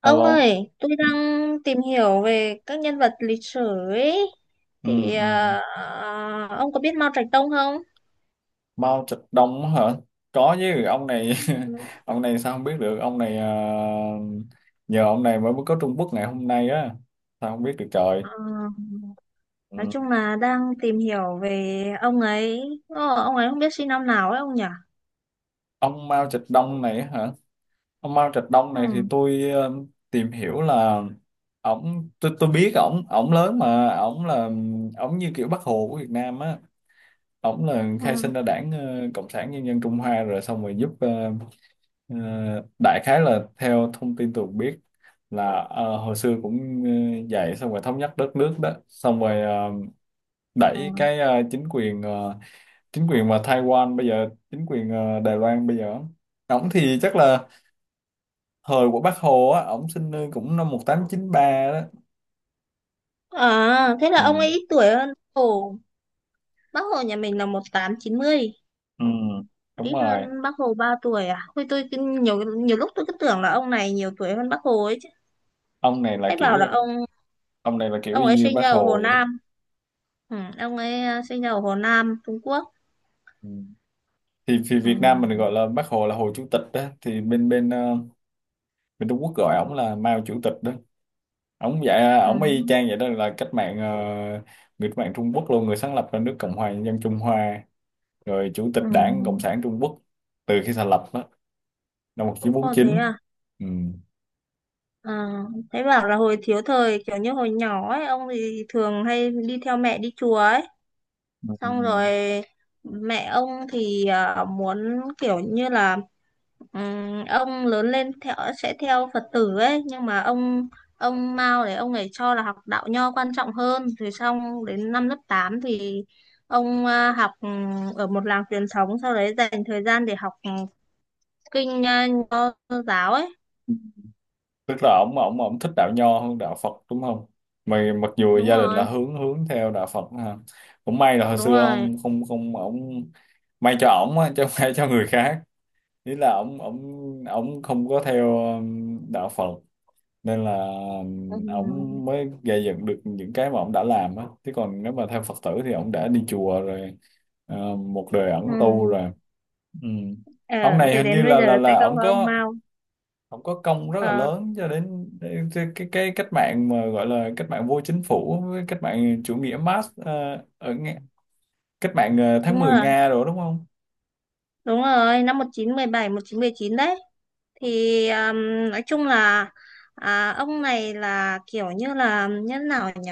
Ông Alo. ơi, tôi Ừ, đang tìm hiểu về các nhân vật lịch sử ấy. ừ, Thì ừ. ờ, ông có biết Mao Trạch Đông không? Mao Trạch Đông hả? Có chứ, ông này Ừ. ông này sao không biết được, ông này nhờ ông này mới có Trung Quốc ngày hôm nay á. Sao không biết được trời. Ờ, Ừ. nói chung là đang tìm hiểu về ông ấy. Ông ấy không biết sinh năm nào ấy ông nhỉ? Ông Mao Trạch Đông này hả? Ông Mao Trạch Đông Ừ, này thì tìm hiểu là ổng tôi biết ổng ổng lớn mà ổng như kiểu Bác Hồ của Việt Nam á. Ổng là ừ, khai sinh ra đảng Cộng sản Nhân dân Trung Hoa rồi xong rồi Ờ, đại khái là theo thông tin tôi cũng biết là hồi xưa cũng dạy xong rồi thống nhất đất nước đó xong rồi ừ. đẩy cái chính quyền mà Taiwan bây giờ chính quyền Đài Loan bây giờ. Ổng thì chắc là thời của Bác Hồ á, ổng sinh nơi cũng năm 1893 đó. À, thế là ông Ừ, ấy ít tuổi hơn Bác Hồ. Bác Hồ nhà mình là một tám chín mươi, ừ, đúng ít rồi. hơn Bác Hồ 3 tuổi à? Thôi nhiều nhiều lúc tôi cứ tưởng là ông này nhiều tuổi hơn Bác Hồ ấy chứ. ông này là Thế kiểu bảo là ông ông này là kiểu ông y ấy như sinh Bác ra ở Hồ Hồ vậy đó. Nam. Ừ, ông ấy sinh ra ở Hồ Nam, Trung Quốc. Ừ. thì Việt Nam mình Ừ, gọi là Bác Hồ là Hồ Chủ tịch đó, thì bên bên ờ, bên Trung Quốc gọi ổng là Mao Chủ tịch đó. Ông dạ ừ, ông y chang vậy đó, là người cách mạng Trung Quốc luôn, người sáng lập ra nước Cộng hòa Nhân dân Trung Hoa, rồi chủ tịch ừ. Đảng Cộng sản Trung Quốc từ khi thành lập đó năm Ồ thế 1949. à? Ừ. À, thế bảo là hồi thiếu thời kiểu như hồi nhỏ ấy, ông thì thường hay đi theo mẹ đi chùa ấy. Ừ. Xong rồi mẹ ông thì muốn kiểu như là ông lớn lên theo, sẽ theo Phật tử ấy, nhưng mà ông Mao đấy ông ấy cho là học đạo nho quan trọng hơn, rồi xong đến năm lớp 8 thì ông học ở một làng truyền thống, sau đấy dành thời gian để học kinh nho giáo ấy. Tức là ông thích đạo nho hơn đạo Phật đúng không, mà mặc dù Đúng gia đình là rồi, hướng hướng theo đạo Phật ha. Cũng may là hồi đúng xưa rồi. không không không ông, may cho ổng á, chứ không may cho người khác. Ý là ổng ổng ổng không có theo đạo Phật, nên là Ừm, ổng mới gây dựng được những cái mà ổng đã làm á, chứ còn nếu mà theo Phật tử thì ổng đã đi chùa rồi, một đời ẩn tu ừm. rồi. Ừ. Ờ, Ông này thì hình như đến bây là giờ là sẽ là không có ông Mao. ổng có công rất là Ờ, lớn cho đến đến cái cách mạng mà gọi là cách mạng vô chính phủ với cách mạng chủ nghĩa Marx, ở Nga- cách mạng tháng đúng mười rồi, Nga rồi đúng không? đúng rồi năm 1917, chín một chín đấy. Thì nói chung là ông này là kiểu như là như thế nào nhỉ?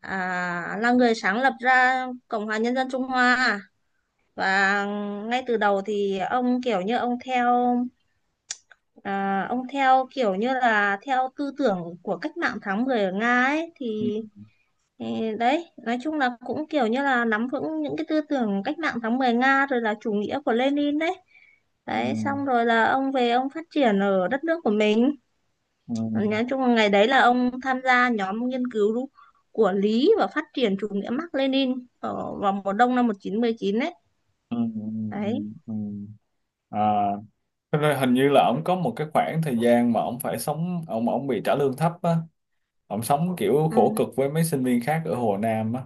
Là người sáng lập ra Cộng hòa Nhân dân Trung Hoa à? Và ngay từ đầu thì ông kiểu như ông theo, ông theo kiểu như là theo tư tưởng của cách mạng tháng 10 ở Nga ấy. Ừ. Ừ, đấy nói chung là cũng kiểu như là nắm vững những cái tư tưởng cách mạng tháng 10 Nga rồi là chủ nghĩa của Lenin đấy. Ừ. Đấy xong rồi là ông về, ông phát triển ở đất nước của mình. Ừ. Ờ, Nói chung là ngày đấy là ông tham gia nhóm nghiên cứu của Lý và phát triển chủ nghĩa Mác Lênin ở vào mùa đông năm một nghìn chín trăm mười chín đấy. Ừ. Ừ. Ừ. Đấy. Ừ. À, cho nên hình như là ổng có một cái khoảng thời gian mà ổng phải sống ổng ổng bị trả lương thấp á, ổng sống kiểu khổ Ừ. cực với mấy sinh viên khác ở Hồ Nam á,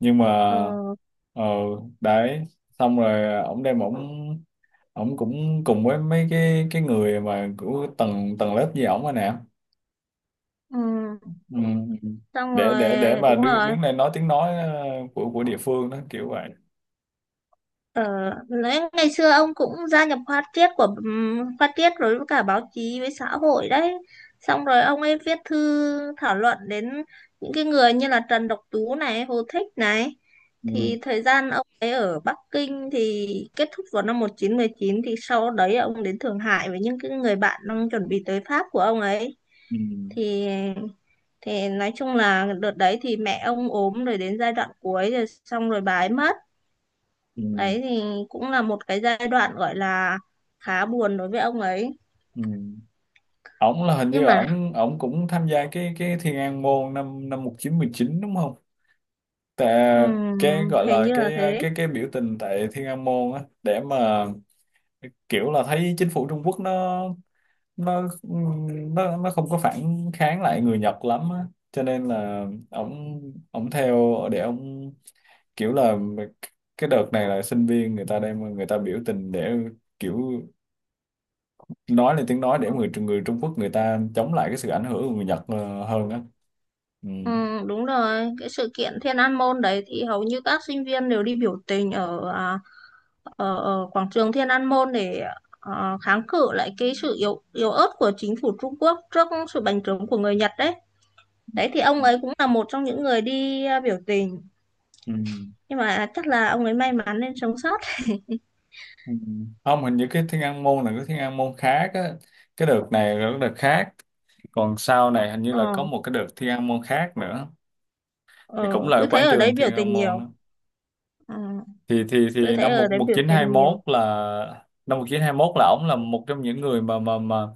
nhưng mà Ờ, ờ đấy, xong rồi ổng đem ổng ổng cũng cùng với mấy cái người mà của tầng tầng lớp gì ổng rồi nè. ừ. Ừ. Xong để rồi để để mà đúng đứng rồi. đứng lên nói tiếng nói của địa phương đó, kiểu vậy. Ờ, lẽ ngày xưa ông cũng gia nhập khoa triết của khoa triết, rồi với cả báo chí với xã hội đấy. Xong rồi ông ấy viết thư thảo luận đến những cái người như là Trần Độc Tú này, Hồ Thích này. Ừ. Thì thời gian ông ấy ở Bắc Kinh thì kết thúc vào năm 1919, thì sau đấy ông đến Thượng Hải với những cái người bạn đang chuẩn bị tới Pháp của ông ấy. Ừ. Thì thì nói chung là đợt đấy thì mẹ ông ốm rồi, đến giai đoạn cuối rồi xong rồi bà ấy mất. Ừ. Đấy thì cũng là một cái giai đoạn gọi là khá buồn đối với ông ấy, Ừ. ổng là Hình như nhưng là mà ổng ổng cũng tham gia cái Thiên An Môn năm năm 1919 đúng không? Tại cái ừm, gọi hình là như là cái thế. cái cái biểu tình tại Thiên An Môn á, để mà kiểu là thấy chính phủ Trung Quốc nó nó không có phản kháng lại người Nhật lắm á, cho nên là ổng ổng theo để ổng kiểu là cái đợt này là sinh viên người ta đem người ta biểu tình để kiểu nói lên tiếng nói để người người Trung Quốc người ta chống lại cái sự ảnh hưởng của người Nhật hơn á. Ừ. Đúng rồi, cái sự kiện Thiên An Môn đấy thì hầu như các sinh viên đều đi biểu tình ở ở, ở quảng trường Thiên An Môn, để kháng cự lại cái sự yếu yếu ớt của chính phủ Trung Quốc trước sự bành trướng của người Nhật đấy. Đấy thì ông ấy cũng là một trong những người đi, biểu tình, Ừ. nhưng mà chắc là ông ấy may mắn nên sống sót. Ừ. Không, hình như cái Thiên An Môn là cái Thiên An Môn khác á. Cái đợt này là cái đợt khác. Còn sau này hình như là ờ, có một cái đợt Thiên An Môn khác nữa. Thì cũng ờ, là tôi ở thấy quảng ở đấy trường biểu Thiên An tình Môn đó. nhiều. Ờ. Thì thì Tôi thì thấy năm ở một đấy một biểu chín hai hiện nhiều. mốt là năm 1921 là ổng là một trong những người mà mà mà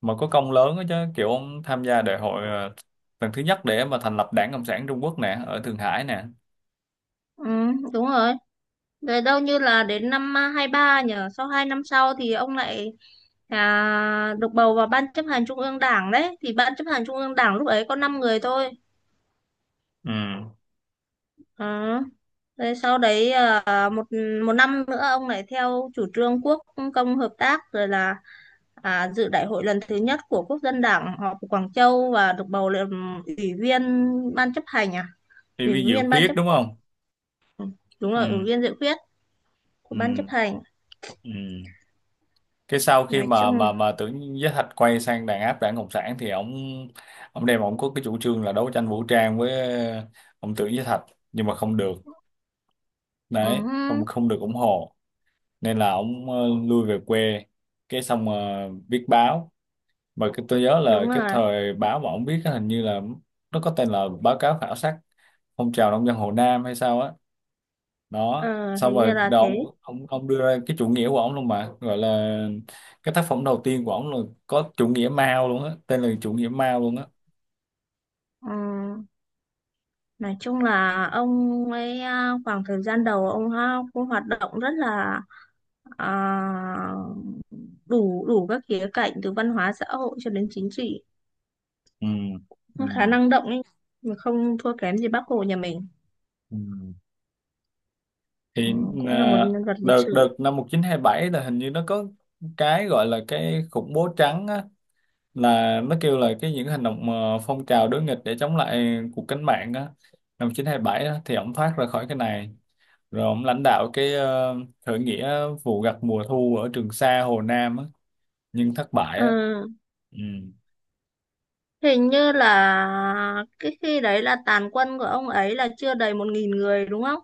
mà có công lớn đó chứ, kiểu ông tham gia đại hội lần thứ nhất để mà thành lập Đảng Cộng sản Trung Quốc nè, ở Thượng Hải nè. ừ, đúng rồi, rồi đâu như là đến năm hai ba nhở, sau hai năm sau thì ông lại được bầu vào ban chấp hành trung ương đảng đấy, thì ban chấp hành trung ương đảng lúc đấy có 5 người thôi. Ừ. Ờ, rồi sau đấy một một năm nữa ông lại theo chủ trương quốc công hợp tác, rồi là dự đại hội lần thứ nhất của quốc dân đảng họp ở Quảng Châu và được bầu làm ủy viên ban chấp hành à Thì ủy vi Diệu viên ban Khuyết chấp đúng không? đúng Ừ. rồi, ủy viên dự khuyết của ban chấp Ừ. hành, Ừ. Cái sau khi nói mà chung. mà mà Tưởng Giới Thạch quay sang đàn áp đảng Cộng sản thì ông có cái chủ trương là đấu tranh vũ trang với ông Tưởng Giới Thạch, nhưng mà không được. Đấy, không Ừ, không được ủng hộ, nên là ông lui về quê, cái xong viết báo, mà cái tôi nhớ là đúng cái rồi. thời báo mà ông viết á, hình như là nó có tên là báo cáo khảo sát phong trào nông dân Hồ Nam hay sao á. Đó Ờ, xong hình như rồi là đó, ông, thế. ông ông đưa ra cái chủ nghĩa của ông luôn, mà gọi là cái tác phẩm đầu tiên của ông là có chủ nghĩa Mao luôn á, tên là chủ nghĩa Mao luôn á. Ừ, nói chung là ông ấy, khoảng thời gian đầu ông ha, cũng hoạt động rất là à, đủ đủ các khía cạnh từ văn hóa xã hội cho đến chính trị. Ừ. Cũng khá Ừ. năng động ấy, mà không thua kém gì Bác Hồ nhà mình. Ừ. Ừ, Thì cũng là một à, nhân vật lịch đợt đợt sử. năm 1927 là hình như nó có cái gọi là cái khủng bố trắng á, là nó kêu là cái những hành động, phong trào đối nghịch để chống lại cuộc cách mạng á, năm 1927 á. Thì ổng thoát ra khỏi cái này, rồi ông lãnh đạo cái, khởi nghĩa vụ gặt mùa thu ở Trường Sa Hồ Nam á, nhưng thất bại Ờ, á. Ừ. hình như là cái khi đấy là tàn quân của ông ấy là chưa đầy một nghìn người đúng không?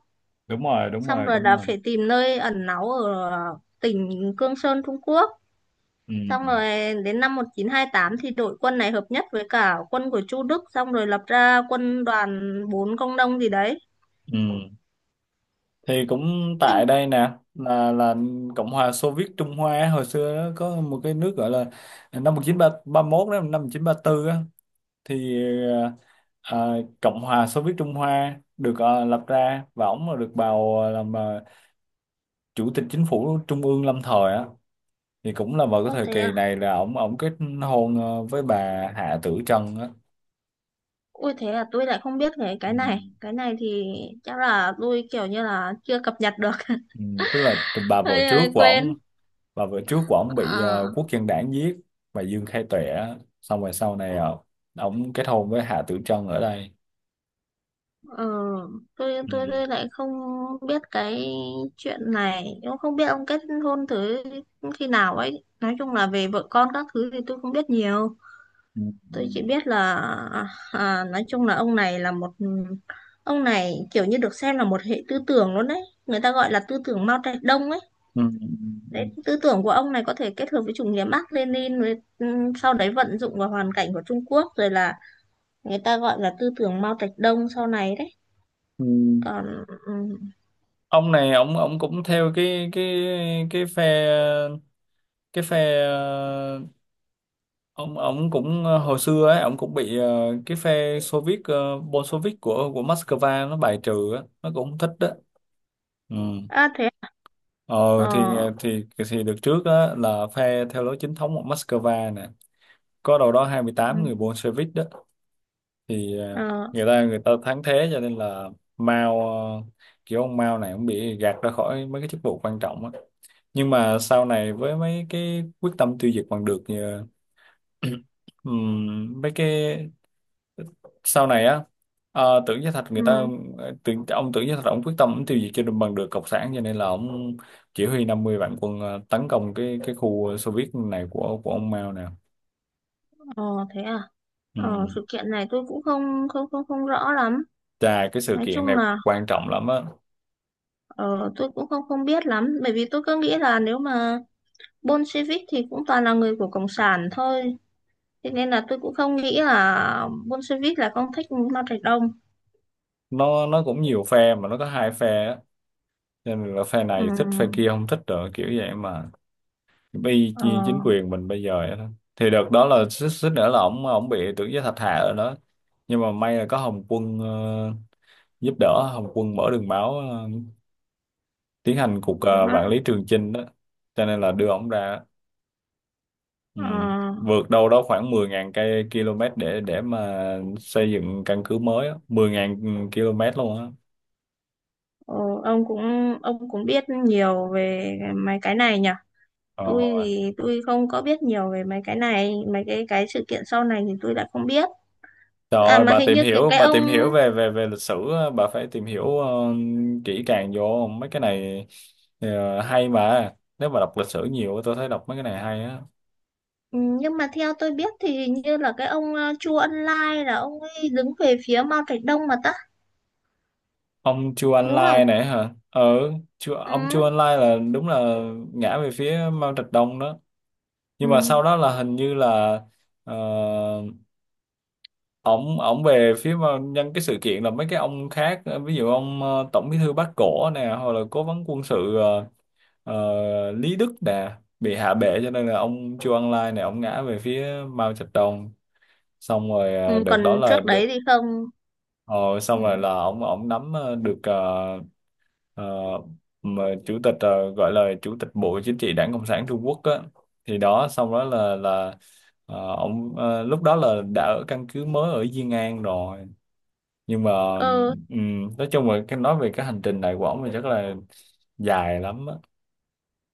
Đúng rồi, đúng Xong rồi, rồi đúng là rồi. phải tìm nơi ẩn náu ở tỉnh Cương Sơn Trung Quốc, Ừ. xong rồi đến năm 1928 thì đội quân này hợp nhất với cả quân của Chu Đức, xong rồi lập ra quân đoàn 4 công nông gì đấy. Ừ. Thì cũng tại Kinh, đây nè, là Cộng hòa Xô Viết Trung Hoa á, hồi xưa á, có một cái nước gọi là, năm 1931 đó, năm 1934 á, thì ờ, Cộng hòa Xô Viết Trung Hoa được lập ra, và ổng là được bầu làm chủ tịch chính phủ trung ương lâm thời á. Thì cũng là vào cái ô thời thế à, kỳ này là ổng ổng kết hôn với bà Hạ Tử Trân á. ôi thế là tôi lại không biết cái Ừ. này, cái này thì chắc là tôi kiểu như là chưa cập nhật được Ừ. Tức là hơi hơi quên. Bà vợ trước của ổng bị Ờ, quốc dân đảng giết, bà Dương Khai Tuệ á. Xong rồi sau này ổng kết hôn với Hạ Tử Trân ở đây. Ờ, tôi tôi Ừ. tôi lại không biết cái chuyện này, cũng không biết ông kết hôn thử khi nào ấy, nói chung là về vợ con các thứ thì tôi không biết nhiều. Tôi chỉ Ừ. biết là nói chung là ông này là một, ông này kiểu như được xem là một hệ tư tưởng luôn đấy, người ta gọi là tư tưởng Mao Trạch Đông ấy. Ừ. Đấy Ừ. tư tưởng của ông này có thể kết hợp với chủ nghĩa Mác Lênin rồi sau đấy vận dụng vào hoàn cảnh của Trung Quốc, rồi là người ta gọi là tư tưởng Mao Trạch Đông sau này đấy. Ừ. Còn Ông này ông cũng theo cái phe cái phe, hồi xưa ấy ông cũng bị cái phe Soviet, Bolshevik của Moscow nó bài trừ á, nó cũng không thích đó. Ừ. À, thế ờ thì ờ ờ, thì thì được trước á là phe theo lối chính thống của Moscow nè, có đâu đó 28 người ừ, Bolshevik đó. Thì ờ người ta thắng thế, cho nên là Mao ờ, kiểu ông Mao này cũng bị gạt ra khỏi mấy cái chức vụ quan trọng á. Nhưng mà sau này với mấy cái quyết tâm tiêu diệt bằng được, mấy cái sau này á, ờ, tưởng Gia Thạch người ta ừ, ờ, tưởng ông Tưởng Gia Thạch ông quyết tâm ông tiêu diệt cho bằng được cộng sản, cho nên là ông chỉ huy 500.000 quân tấn công cái khu Xô Viết này của ông Mao nè. ờ thế à, Ừ. Sự kiện này tôi cũng không không không không rõ lắm, Chà, cái sự nói chung kiện này là quan trọng lắm á. ờ tôi cũng không không biết lắm, bởi vì tôi cứ nghĩ là nếu mà Bolshevik thì cũng toàn là người của cộng sản thôi, thế nên là tôi cũng không nghĩ là Bolshevik là con thích Mao Trạch Đông. Nó cũng nhiều phe, mà nó có hai phe á, cho nên là phe ừ, này thích, phe kia không thích, rồi kiểu vậy mà. Vì ờ chính quyền mình bây giờ vậy đó. Thì đợt đó là xích xích nữa là ổng ổng bị Tưởng Giới Thạch hạ rồi đó, nhưng mà may là có Hồng Quân giúp đỡ. Hồng Quân mở đường máu, tiến hành cuộc, vạn ha, lý trường chinh đó, cho nên là đưa ổng ra. Ừ. ờ, Vượt đâu đó khoảng 10.000 cây km để mà xây dựng căn cứ mới á. 10.000 km luôn á. ờ, ông cũng, ông cũng biết nhiều về mấy cái này nhỉ. Tôi ờ, thì tôi không có biết nhiều về mấy cái này, mấy cái sự kiện sau này thì tôi đã không biết. Trời À ơi, mà hình như cái cái bà ông, tìm hiểu về về về lịch sử á, bà phải tìm hiểu kỹ càng vô mấy cái này. Hay mà. Nếu mà đọc lịch sử nhiều á, tôi thấy đọc mấy cái này hay á. ừ, nhưng mà theo tôi biết thì hình như là cái ông Chu Ân Lai là ông ấy đứng về phía Mao Trạch Đông mà ta, Ông Chu An đúng Lai không? này hả? Ừ, Ừ. ông Chu An Lai là đúng là ngã về phía Mao Trạch Đông đó. Ừ. Nhưng mà sau đó là hình như là ờ, ổng ổng về phía nhân cái sự kiện là mấy cái ông khác, ví dụ ông Tổng Bí thư Bác Cổ nè, hoặc là cố vấn quân sự, Ờ, Lý Đức Đà bị hạ bệ, cho nên là ông Chu Ân Lai này ông ngã về phía Mao Trạch Đông. Xong rồi Ừ, đợt còn đó là trước đấy được, thì không. ờ, xong rồi là Ừ. ông nắm được, ờ, mà chủ tịch, gọi là chủ tịch Bộ Chính trị Đảng Cộng sản Trung Quốc á. Thì đó, xong đó là ông lúc đó là đã ở căn cứ mới ở Diên An rồi, nhưng mà Ờ, nói chung là cái nói về cái hành trình này của ông thì chắc là dài lắm á.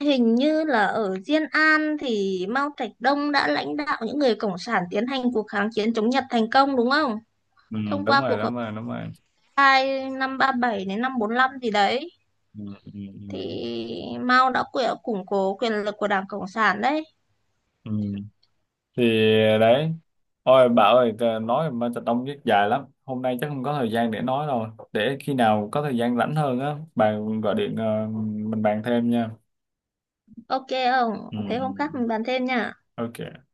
hình như là ở Diên An thì Mao Trạch Đông đã lãnh đạo những người cộng sản tiến hành cuộc kháng chiến chống Nhật thành công, đúng không, Ừ, thông đúng qua rồi, cuộc họp đúng rồi, đúng rồi. hai năm ba bảy đến năm 45 gì đấy, Ừ, ừ, ừ. thì Mao đã củng cố quyền lực của Đảng Cộng sản đấy. Ừ. Ừ. Thì đấy, ôi bà ơi, nói mà thật đông rất dài lắm, hôm nay chắc không có thời gian để nói rồi, để khi nào có thời gian rảnh hơn á bà gọi điện, mình bàn thêm nha. Ok không? Ừ. Thế hôm khác Ừ, mình bàn thêm nha. ừ. Ok.